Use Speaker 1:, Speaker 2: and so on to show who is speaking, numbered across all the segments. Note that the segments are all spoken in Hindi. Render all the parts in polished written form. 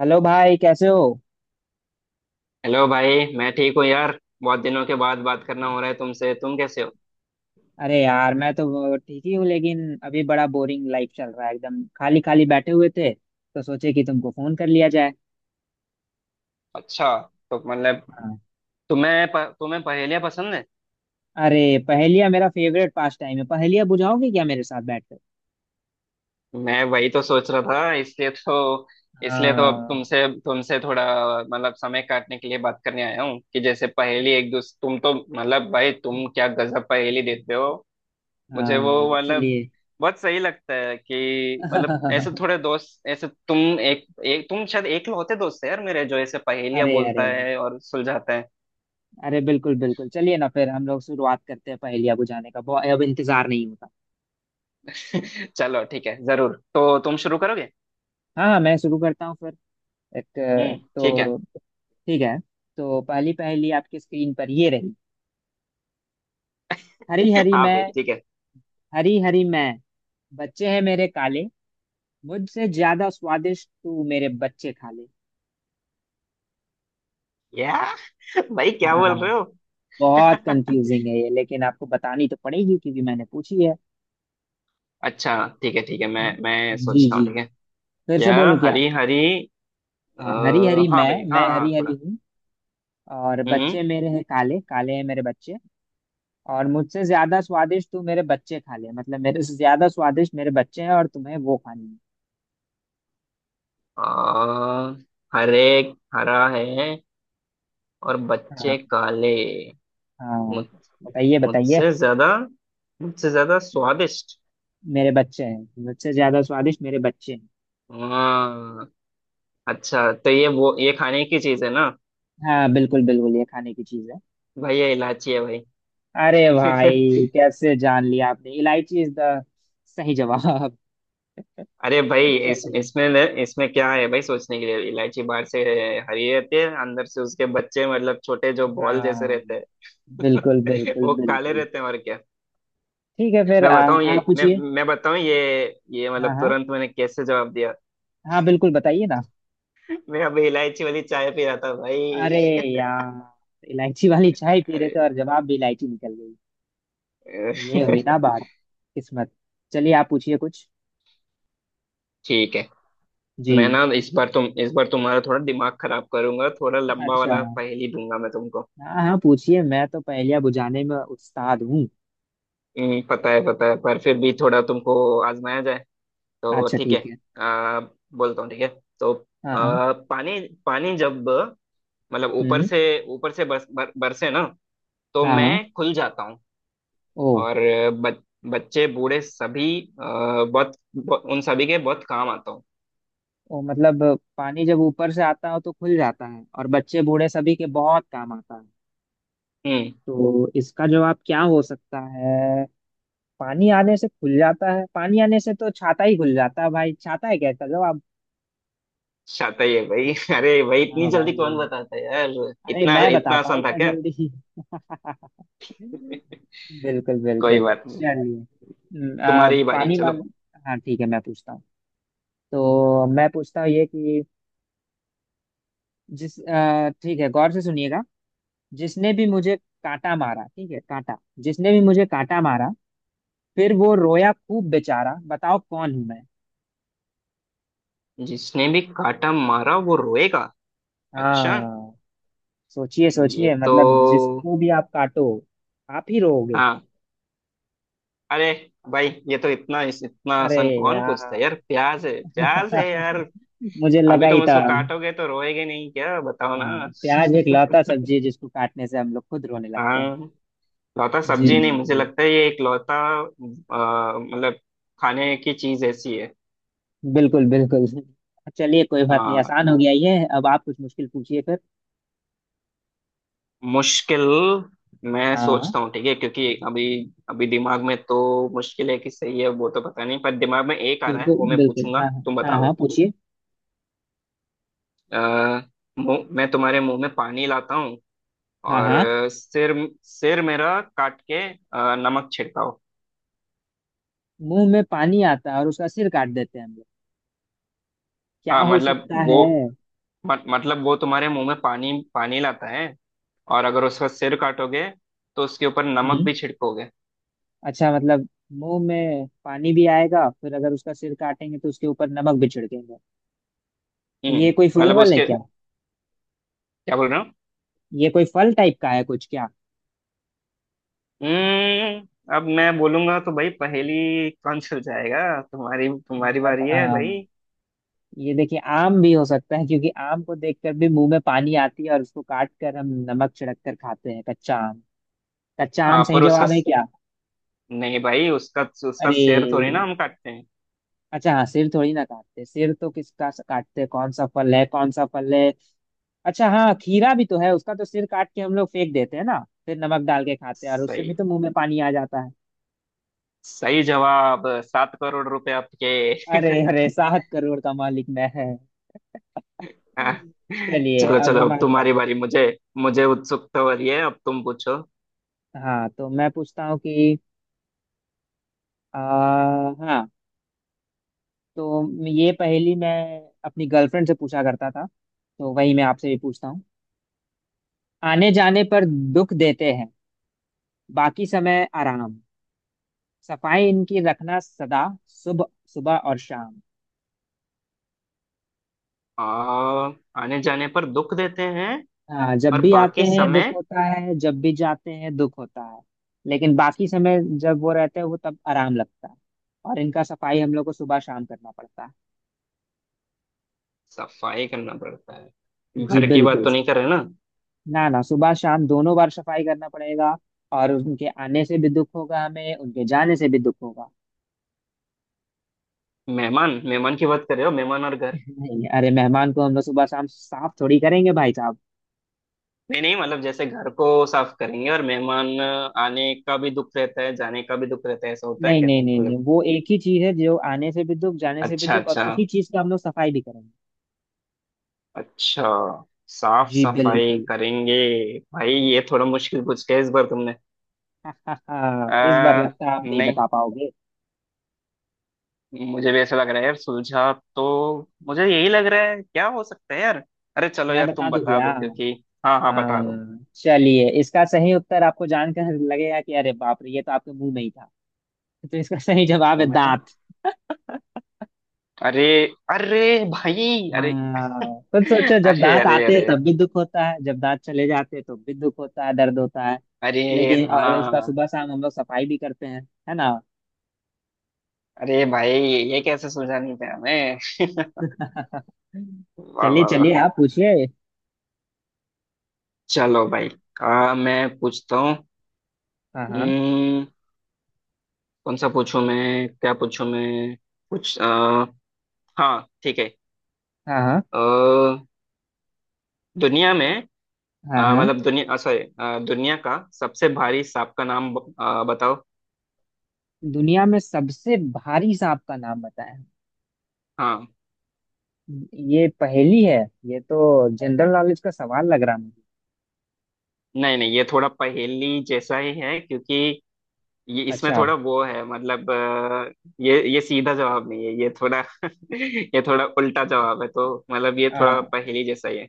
Speaker 1: हेलो भाई, कैसे हो।
Speaker 2: हेलो भाई। मैं ठीक हूँ यार। बहुत दिनों के बाद बात करना हो रहा है तुमसे। तुम कैसे हो?
Speaker 1: अरे यार, मैं तो ठीक ही हूँ, लेकिन अभी बड़ा बोरिंग लाइफ चल रहा है। एकदम खाली खाली बैठे हुए थे, तो सोचे कि तुमको फोन कर लिया जाए।
Speaker 2: अच्छा। तो मतलब
Speaker 1: हाँ।
Speaker 2: तुम्हें पहेलियाँ पसंद है?
Speaker 1: अरे, पहेलियाँ मेरा फेवरेट पास टाइम है। पहेलियाँ बुझाओगे क्या मेरे साथ बैठकर।
Speaker 2: मैं वही तो सोच रहा था। इसलिए तो अब
Speaker 1: हाँ
Speaker 2: तुमसे तुमसे थोड़ा मतलब समय काटने के लिए बात करने आया हूँ कि जैसे पहेली एक दूसरे तुम तो मतलब भाई तुम क्या गजब पहेली देते हो। मुझे
Speaker 1: हाँ
Speaker 2: वो मतलब
Speaker 1: चलिए।
Speaker 2: बहुत सही लगता है कि मतलब ऐसे थोड़े दोस्त। ऐसे तुम एक तुम शायद एकलौते दोस्त है यार मेरे जो ऐसे पहेलियाँ
Speaker 1: अरे
Speaker 2: बोलता
Speaker 1: अरे
Speaker 2: है और सुलझाता है।
Speaker 1: अरे बिल्कुल बिल्कुल, चलिए ना, फिर हम लोग शुरुआत करते हैं पहेलियाँ बुझाने का, बहुत अब इंतजार नहीं होता।
Speaker 2: चलो ठीक है। जरूर। तो तुम शुरू करोगे।
Speaker 1: हाँ हाँ, मैं शुरू करता हूँ फिर। एक,
Speaker 2: हम्म। ठीक है।
Speaker 1: तो ठीक है। तो पहली पहेली आपकी स्क्रीन पर ये रही। हरी हरी
Speaker 2: हाँ भाई
Speaker 1: मैं,
Speaker 2: ठीक है।
Speaker 1: हरी हरी मैं, बच्चे हैं मेरे काले, मुझसे ज्यादा स्वादिष्ट तू मेरे बच्चे खा ले।
Speaker 2: या भाई क्या
Speaker 1: हाँ,
Speaker 2: बोल रहे हो?
Speaker 1: बहुत कंफ्यूजिंग है ये, लेकिन आपको बतानी तो पड़ेगी क्योंकि मैंने पूछी है।
Speaker 2: अच्छा। ठीक है ठीक है। मैं
Speaker 1: जी
Speaker 2: सोचता
Speaker 1: जी
Speaker 2: हूँ। ठीक है।
Speaker 1: फिर से
Speaker 2: क्या?
Speaker 1: बोलूं क्या।
Speaker 2: हरी हरी?
Speaker 1: हाँ, हरी
Speaker 2: आ,
Speaker 1: हरी
Speaker 2: हाँ
Speaker 1: मैं।
Speaker 2: भाई हाँ
Speaker 1: मैं
Speaker 2: हाँ
Speaker 1: हरी हरी
Speaker 2: थोड़ा।
Speaker 1: हूँ, और
Speaker 2: हम्म।
Speaker 1: बच्चे मेरे हैं काले, काले हैं मेरे बच्चे। और मुझसे ज्यादा स्वादिष्ट तू मेरे बच्चे खा ले। मतलब मेरे से ज्यादा स्वादिष्ट मेरे बच्चे हैं, और तुम्हें वो खानी
Speaker 2: अ, हरे। हरा है। और
Speaker 1: है।
Speaker 2: बच्चे
Speaker 1: हाँ
Speaker 2: काले।
Speaker 1: हाँ
Speaker 2: मुझ
Speaker 1: बताइए बताइए।
Speaker 2: मुझसे ज्यादा मुझसे ज्यादा स्वादिष्ट।
Speaker 1: मेरे बच्चे हैं, मुझसे ज्यादा स्वादिष्ट मेरे बच्चे हैं।
Speaker 2: हाँ। अच्छा तो ये वो ये खाने की चीज है ना?
Speaker 1: हाँ, बिल्कुल बिल्कुल, ये खाने की चीज है।
Speaker 2: भाई ये इलायची है भाई।
Speaker 1: अरे भाई, कैसे जान लिया आपने। इलायची इज द सही जवाब।
Speaker 2: अरे भाई इस
Speaker 1: चलिए।
Speaker 2: इसमें इसमें क्या है भाई सोचने के लिए? इलायची बाहर से हरी रहती है। अंदर से उसके बच्चे मतलब छोटे जो बॉल
Speaker 1: हाँ,
Speaker 2: जैसे रहते
Speaker 1: बिल्कुल
Speaker 2: हैं
Speaker 1: बिल्कुल
Speaker 2: वो काले
Speaker 1: बिल्कुल
Speaker 2: रहते हैं। और क्या?
Speaker 1: ठीक है फिर।
Speaker 2: मैं बताऊं
Speaker 1: आप
Speaker 2: ये मैं
Speaker 1: पूछिए।
Speaker 2: मैं बताऊं ये।
Speaker 1: हाँ
Speaker 2: मतलब
Speaker 1: हाँ
Speaker 2: तुरंत मैंने कैसे जवाब दिया?
Speaker 1: हाँ बिल्कुल, बताइए ना।
Speaker 2: मैं अभी इलायची वाली चाय पी रहा था
Speaker 1: अरे
Speaker 2: भाई।
Speaker 1: यार, इलायची वाली चाय पी रहे
Speaker 2: अरे
Speaker 1: थे और जवाब भी इलायची निकल गई। ये हुई ना बात, किस्मत। चलिए, आप पूछिए कुछ।
Speaker 2: ठीक है। मैं
Speaker 1: जी।
Speaker 2: ना इस बार तुम्हारा थोड़ा दिमाग खराब करूंगा। थोड़ा लंबा
Speaker 1: अच्छा,
Speaker 2: वाला पहेली दूंगा मैं तुमको।
Speaker 1: हाँ हाँ पूछिए, मैं तो पहेलियां बुझाने में उस्ताद हूँ।
Speaker 2: पता है पता है। पर फिर भी थोड़ा तुमको आजमाया जाए तो
Speaker 1: अच्छा
Speaker 2: ठीक है।
Speaker 1: ठीक है।
Speaker 2: आ, बोलता हूँ ठीक है। तो
Speaker 1: हाँ हाँ।
Speaker 2: पानी पानी जब मतलब
Speaker 1: हम्म।
Speaker 2: ऊपर से बरसे ना तो
Speaker 1: हाँ।
Speaker 2: मैं खुल जाता हूँ।
Speaker 1: ओ।
Speaker 2: और ब, बच्चे बूढ़े सभी बहुत बहुत- उन सभी के बहुत काम आता हूँ।
Speaker 1: ओ मतलब, पानी जब ऊपर से आता हो तो खुल जाता है, और बच्चे बूढ़े सभी के बहुत काम आता है।
Speaker 2: हम्म।
Speaker 1: तो इसका जवाब क्या हो सकता है। पानी आने से खुल जाता है, पानी आने से तो छाता ही खुल जाता है भाई। छाता है क्या इसका जवाब।
Speaker 2: शाता ही है भाई। अरे भाई इतनी
Speaker 1: हाँ
Speaker 2: जल्दी कौन
Speaker 1: भाई।
Speaker 2: बताता है यार?
Speaker 1: अरे,
Speaker 2: इतना
Speaker 1: मैं
Speaker 2: इतना
Speaker 1: बताता हूँ
Speaker 2: आसान था
Speaker 1: इतना
Speaker 2: क्या?
Speaker 1: जल्दी। बिल्कुल
Speaker 2: कोई
Speaker 1: बिल्कुल,
Speaker 2: बात नहीं।
Speaker 1: चलिए।
Speaker 2: तुम्हारी ही बारी
Speaker 1: पानी
Speaker 2: चलो।
Speaker 1: वाला, हाँ ठीक है, मैं पूछता हूँ। तो मैं पूछता हूँ ये कि, ठीक है, गौर से सुनिएगा। जिसने भी मुझे कांटा मारा, ठीक है, कांटा। जिसने भी मुझे कांटा मारा, फिर वो रोया खूब बेचारा, बताओ कौन हूं मैं।
Speaker 2: जिसने भी काटा मारा वो रोएगा? अच्छा।
Speaker 1: हाँ, सोचिए
Speaker 2: ये
Speaker 1: सोचिए,
Speaker 2: तो
Speaker 1: मतलब जिसको भी आप काटो, आप ही रोओगे।
Speaker 2: हाँ। अरे भाई ये तो इतना इतना
Speaker 1: अरे
Speaker 2: आसान कौन पूछता है
Speaker 1: यार,
Speaker 2: यार? प्याज है। प्याज है यार।
Speaker 1: मुझे लगा
Speaker 2: अभी
Speaker 1: ही
Speaker 2: तुम
Speaker 1: था।
Speaker 2: उसको काटोगे तो रोएगे नहीं क्या? बताओ
Speaker 1: हाँ,
Speaker 2: ना।
Speaker 1: प्याज एक लौता सब्जी है जिसको काटने से हम लोग खुद रोने लगते हैं।
Speaker 2: हाँ। लौता
Speaker 1: जी
Speaker 2: सब्जी
Speaker 1: जी
Speaker 2: नहीं। मुझे
Speaker 1: जी
Speaker 2: लगता है ये एक लौता मतलब खाने की चीज ऐसी है।
Speaker 1: बिल्कुल बिल्कुल। चलिए कोई बात नहीं,
Speaker 2: हाँ।
Speaker 1: आसान हो गया ये। अब आप कुछ मुश्किल पूछिए फिर।
Speaker 2: मुश्किल। मैं सोचता
Speaker 1: हाँ
Speaker 2: हूँ। ठीक है क्योंकि अभी अभी दिमाग में तो मुश्किल है कि सही है वो तो पता नहीं। पर दिमाग में एक आ रहा है
Speaker 1: बिल्कुल
Speaker 2: वो मैं
Speaker 1: बिल्कुल,
Speaker 2: पूछूंगा
Speaker 1: हाँ
Speaker 2: तुम
Speaker 1: हाँ
Speaker 2: बता
Speaker 1: हाँ हाँ
Speaker 2: दो।
Speaker 1: पूछिए।
Speaker 2: अ, मुंह मैं तुम्हारे मुंह में पानी लाता हूँ।
Speaker 1: हाँ
Speaker 2: और
Speaker 1: हाँ
Speaker 2: सिर सिर मेरा काट के नमक छिड़काओ।
Speaker 1: मुंह में पानी आता है और उसका सिर काट देते हैं हम लोग। क्या
Speaker 2: हाँ
Speaker 1: हो
Speaker 2: मतलब
Speaker 1: सकता है।
Speaker 2: वो मत, मतलब वो तुम्हारे मुंह में पानी पानी लाता है। और अगर उसका सिर काटोगे तो उसके ऊपर नमक
Speaker 1: हम्म,
Speaker 2: भी छिड़कोगे।
Speaker 1: अच्छा मतलब, मुंह में पानी भी आएगा, फिर अगर उसका सिर काटेंगे तो उसके ऊपर नमक भी छिड़केंगे।
Speaker 2: हम्म।
Speaker 1: ये कोई फल
Speaker 2: मतलब
Speaker 1: वल है
Speaker 2: उसके
Speaker 1: क्या।
Speaker 2: क्या बोल रहे हो?
Speaker 1: ये कोई फल टाइप का है कुछ क्या।
Speaker 2: हम्म। अब मैं बोलूंगा तो भाई पहेली कौन सुलझाएगा जाएगा? तुम्हारी तुम्हारी
Speaker 1: मतलब,
Speaker 2: बारी है
Speaker 1: हाँ,
Speaker 2: भाई।
Speaker 1: ये देखिए आम भी हो सकता है, क्योंकि आम को देखकर भी मुंह में पानी आती है और उसको काट कर हम नमक छिड़क कर खाते हैं, कच्चा आम। कच्चा आम
Speaker 2: हाँ
Speaker 1: सही
Speaker 2: पर उसका
Speaker 1: जवाब है क्या।
Speaker 2: नहीं भाई उसका उसका सिर थोड़ी
Speaker 1: अरे,
Speaker 2: ना हम काटते हैं।
Speaker 1: अच्छा हाँ, सिर थोड़ी ना काटते। सिर तो किसका काटते हैं? कौन सा फल है, कौन सा फल है। अच्छा हाँ, खीरा भी तो है, उसका तो सिर काट के हम लोग फेंक देते हैं ना, फिर नमक डाल के खाते हैं, और उससे
Speaker 2: सही।
Speaker 1: भी तो मुंह में पानी आ जाता है।
Speaker 2: सही जवाब 7 करोड़ रुपए आपके।
Speaker 1: अरे अरे सात करोड़ का मालिक मैं है।
Speaker 2: हाँ,
Speaker 1: चलिए
Speaker 2: चलो
Speaker 1: अब
Speaker 2: चलो अब
Speaker 1: हमारी
Speaker 2: तुम्हारी
Speaker 1: बारी।
Speaker 2: बारी। मुझे मुझे उत्सुकता हो रही है अब तुम पूछो।
Speaker 1: हाँ, तो मैं पूछता हूँ कि, आ, हाँ, तो ये पहेली मैं अपनी गर्लफ्रेंड से पूछा करता था, तो वही मैं आपसे भी पूछता हूँ। आने जाने पर दुख देते हैं, बाकी समय आराम, सफाई इनकी रखना सदा सुबह, सुबह और शाम।
Speaker 2: आ, आने जाने पर दुख देते हैं
Speaker 1: हाँ, जब
Speaker 2: और
Speaker 1: भी आते
Speaker 2: बाकी
Speaker 1: हैं दुख
Speaker 2: समय?
Speaker 1: होता है, जब भी जाते हैं दुख होता है। लेकिन बाकी समय जब वो रहते हैं, वो तब आराम लगता है। और इनका सफाई हम लोग को सुबह शाम करना पड़ता है।
Speaker 2: सफाई करना पड़ता है?
Speaker 1: जी
Speaker 2: घर की बात
Speaker 1: बिल्कुल।
Speaker 2: तो नहीं कर रहे ना?
Speaker 1: ना ना, सुबह शाम दोनों बार सफाई करना पड़ेगा। और उनके आने से भी दुख होगा हमें, उनके जाने से भी दुख होगा।
Speaker 2: मेहमान? मेहमान की बात कर रहे हो मेहमान और घर?
Speaker 1: नहीं, अरे मेहमान को हम लोग सुबह शाम साफ थोड़ी करेंगे भाई साहब।
Speaker 2: नहीं नहीं मतलब जैसे घर को साफ करेंगे और मेहमान आने का भी दुख रहता है जाने का भी दुख रहता है ऐसा होता है
Speaker 1: नहीं
Speaker 2: क्या
Speaker 1: नहीं नहीं नहीं
Speaker 2: मतलब?
Speaker 1: वो एक ही चीज है जो आने से भी दुख, जाने से भी
Speaker 2: अच्छा
Speaker 1: दुख, और
Speaker 2: अच्छा।
Speaker 1: उसी चीज का हम लोग सफाई भी करेंगे।
Speaker 2: अच्छा साफ
Speaker 1: जी
Speaker 2: सफाई
Speaker 1: बिल्कुल।
Speaker 2: करेंगे। भाई ये थोड़ा मुश्किल पूछ के इस बार तुमने।
Speaker 1: इस बार
Speaker 2: आ,
Speaker 1: लगता है आप नहीं
Speaker 2: नहीं
Speaker 1: बता पाओगे।
Speaker 2: मुझे भी ऐसा लग रहा है यार। सुलझा तो मुझे यही लग रहा है क्या हो सकता है यार? अरे चलो
Speaker 1: मैं
Speaker 2: यार
Speaker 1: बता
Speaker 2: तुम
Speaker 1: दूं
Speaker 2: बता
Speaker 1: भैया।
Speaker 2: दो क्योंकि। हाँ हाँ बता दो।
Speaker 1: हाँ चलिए, इसका सही उत्तर आपको जानकर लगेगा कि अरे बाप रे, ये तो आपके मुंह में ही था। तो इसका सही जवाब है
Speaker 2: वो मैं था।
Speaker 1: दांत।
Speaker 2: अरे। अरे भाई अरे।
Speaker 1: हाँ, तो सोचो, जब
Speaker 2: अरे
Speaker 1: दांत
Speaker 2: अरे
Speaker 1: आते हैं
Speaker 2: अरे।
Speaker 1: तब भी दुख होता है, जब दांत चले जाते हैं तो भी दुख होता है, दर्द होता है।
Speaker 2: अरे
Speaker 1: लेकिन और इसका
Speaker 2: हाँ।
Speaker 1: सुबह शाम हम लोग सफाई भी करते हैं, है ना।
Speaker 2: अरे भाई ये कैसे सुलझा नहीं पाया मैं? वाह
Speaker 1: चलिए
Speaker 2: वाह
Speaker 1: चलिए
Speaker 2: वाह।
Speaker 1: आप पूछिए।
Speaker 2: चलो भाई मैं पूछता हूँ।
Speaker 1: हाँ हाँ
Speaker 2: हम्म, कौन सा पूछूं मैं? क्या पूछूं मैं? कुछ हाँ ठीक है।
Speaker 1: हाँ हाँ
Speaker 2: अ, दुनिया में
Speaker 1: हाँ हाँ
Speaker 2: मतलब दुनिया सॉरी दुनिया का सबसे भारी सांप का नाम बताओ।
Speaker 1: दुनिया में सबसे भारी सांप का नाम बताएं।
Speaker 2: हाँ।
Speaker 1: ये पहेली है? ये तो जनरल नॉलेज का सवाल लग रहा मुझे।
Speaker 2: नहीं नहीं ये थोड़ा पहेली जैसा ही है क्योंकि ये इसमें
Speaker 1: अच्छा,
Speaker 2: थोड़ा वो है मतलब ये सीधा जवाब नहीं है। ये थोड़ा ये थोड़ा उल्टा जवाब है। तो मतलब ये
Speaker 1: आ,
Speaker 2: थोड़ा पहेली जैसा ही है।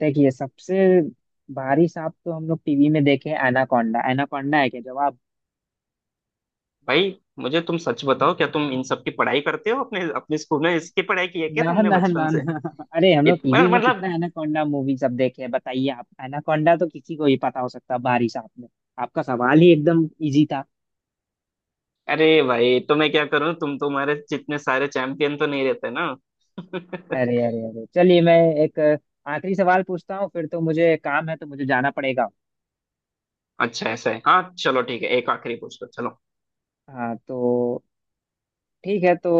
Speaker 1: देखिए, सबसे भारी सांप तो हम लोग टीवी में देखे, एनाकोंडा। एनाकोंडा है क्या जवाब।
Speaker 2: भाई मुझे तुम सच बताओ क्या तुम इन सब की पढ़ाई करते हो अपने अपने स्कूल में? इसकी पढ़ाई की है क्या
Speaker 1: ना
Speaker 2: तुमने
Speaker 1: ना
Speaker 2: बचपन
Speaker 1: ना
Speaker 2: से?
Speaker 1: ना अरे हम लोग टीवी में
Speaker 2: मतलब
Speaker 1: कितना एनाकोंडा मूवी सब देखे हैं, बताइए आप। एनाकोंडा तो किसी को ही पता हो सकता है। बारिश आपने, आपका सवाल ही एकदम इजी था।
Speaker 2: अरे भाई तो मैं क्या करूं? तुम्हारे जितने सारे चैंपियन तो नहीं रहते ना।
Speaker 1: अरे अरे अरे चलिए, मैं एक आखिरी सवाल पूछता हूँ, फिर तो मुझे काम है, तो मुझे जाना पड़ेगा।
Speaker 2: अच्छा ऐसा है। हाँ चलो ठीक है एक आखिरी पूछ लो चलो।
Speaker 1: हाँ, तो ठीक है। तो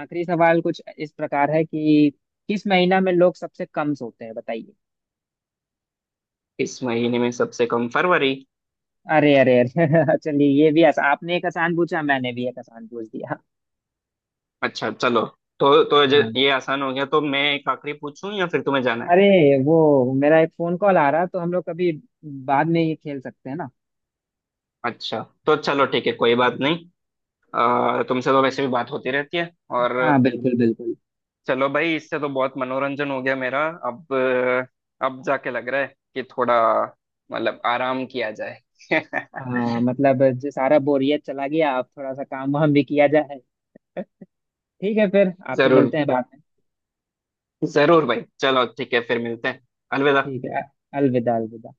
Speaker 1: आखिरी सवाल कुछ इस प्रकार है कि, किस महीना में लोग सबसे कम सोते हैं बताइए।
Speaker 2: इस महीने में सबसे कम फरवरी।
Speaker 1: अरे अरे अरे चलिए, ये भी आसान, आपने एक आसान पूछा, मैंने भी एक आसान पूछ दिया।
Speaker 2: अच्छा चलो। तो
Speaker 1: हाँ।
Speaker 2: ये आसान हो गया तो मैं एक आखिरी पूछूं या फिर तुम्हें जाना है?
Speaker 1: अरे, वो मेरा एक फोन कॉल आ रहा, तो हम लोग कभी बाद में ये खेल सकते हैं ना।
Speaker 2: अच्छा तो चलो ठीक है कोई बात नहीं। तुमसे तो वैसे भी बात होती रहती है और
Speaker 1: हाँ, बिल्कुल बिल्कुल।
Speaker 2: चलो भाई इससे तो बहुत मनोरंजन हो गया मेरा। अब जाके लग रहा है कि थोड़ा मतलब आराम किया जाए।
Speaker 1: हाँ, मतलब जो सारा बोरियत चला गया, अब थोड़ा सा काम वाम भी किया जाए। ठीक है, फिर आपसे
Speaker 2: जरूर।
Speaker 1: मिलते हैं बाद में।
Speaker 2: जरूर भाई चलो ठीक है फिर मिलते हैं। अलविदा।
Speaker 1: ठीक है, अलविदा अलविदा।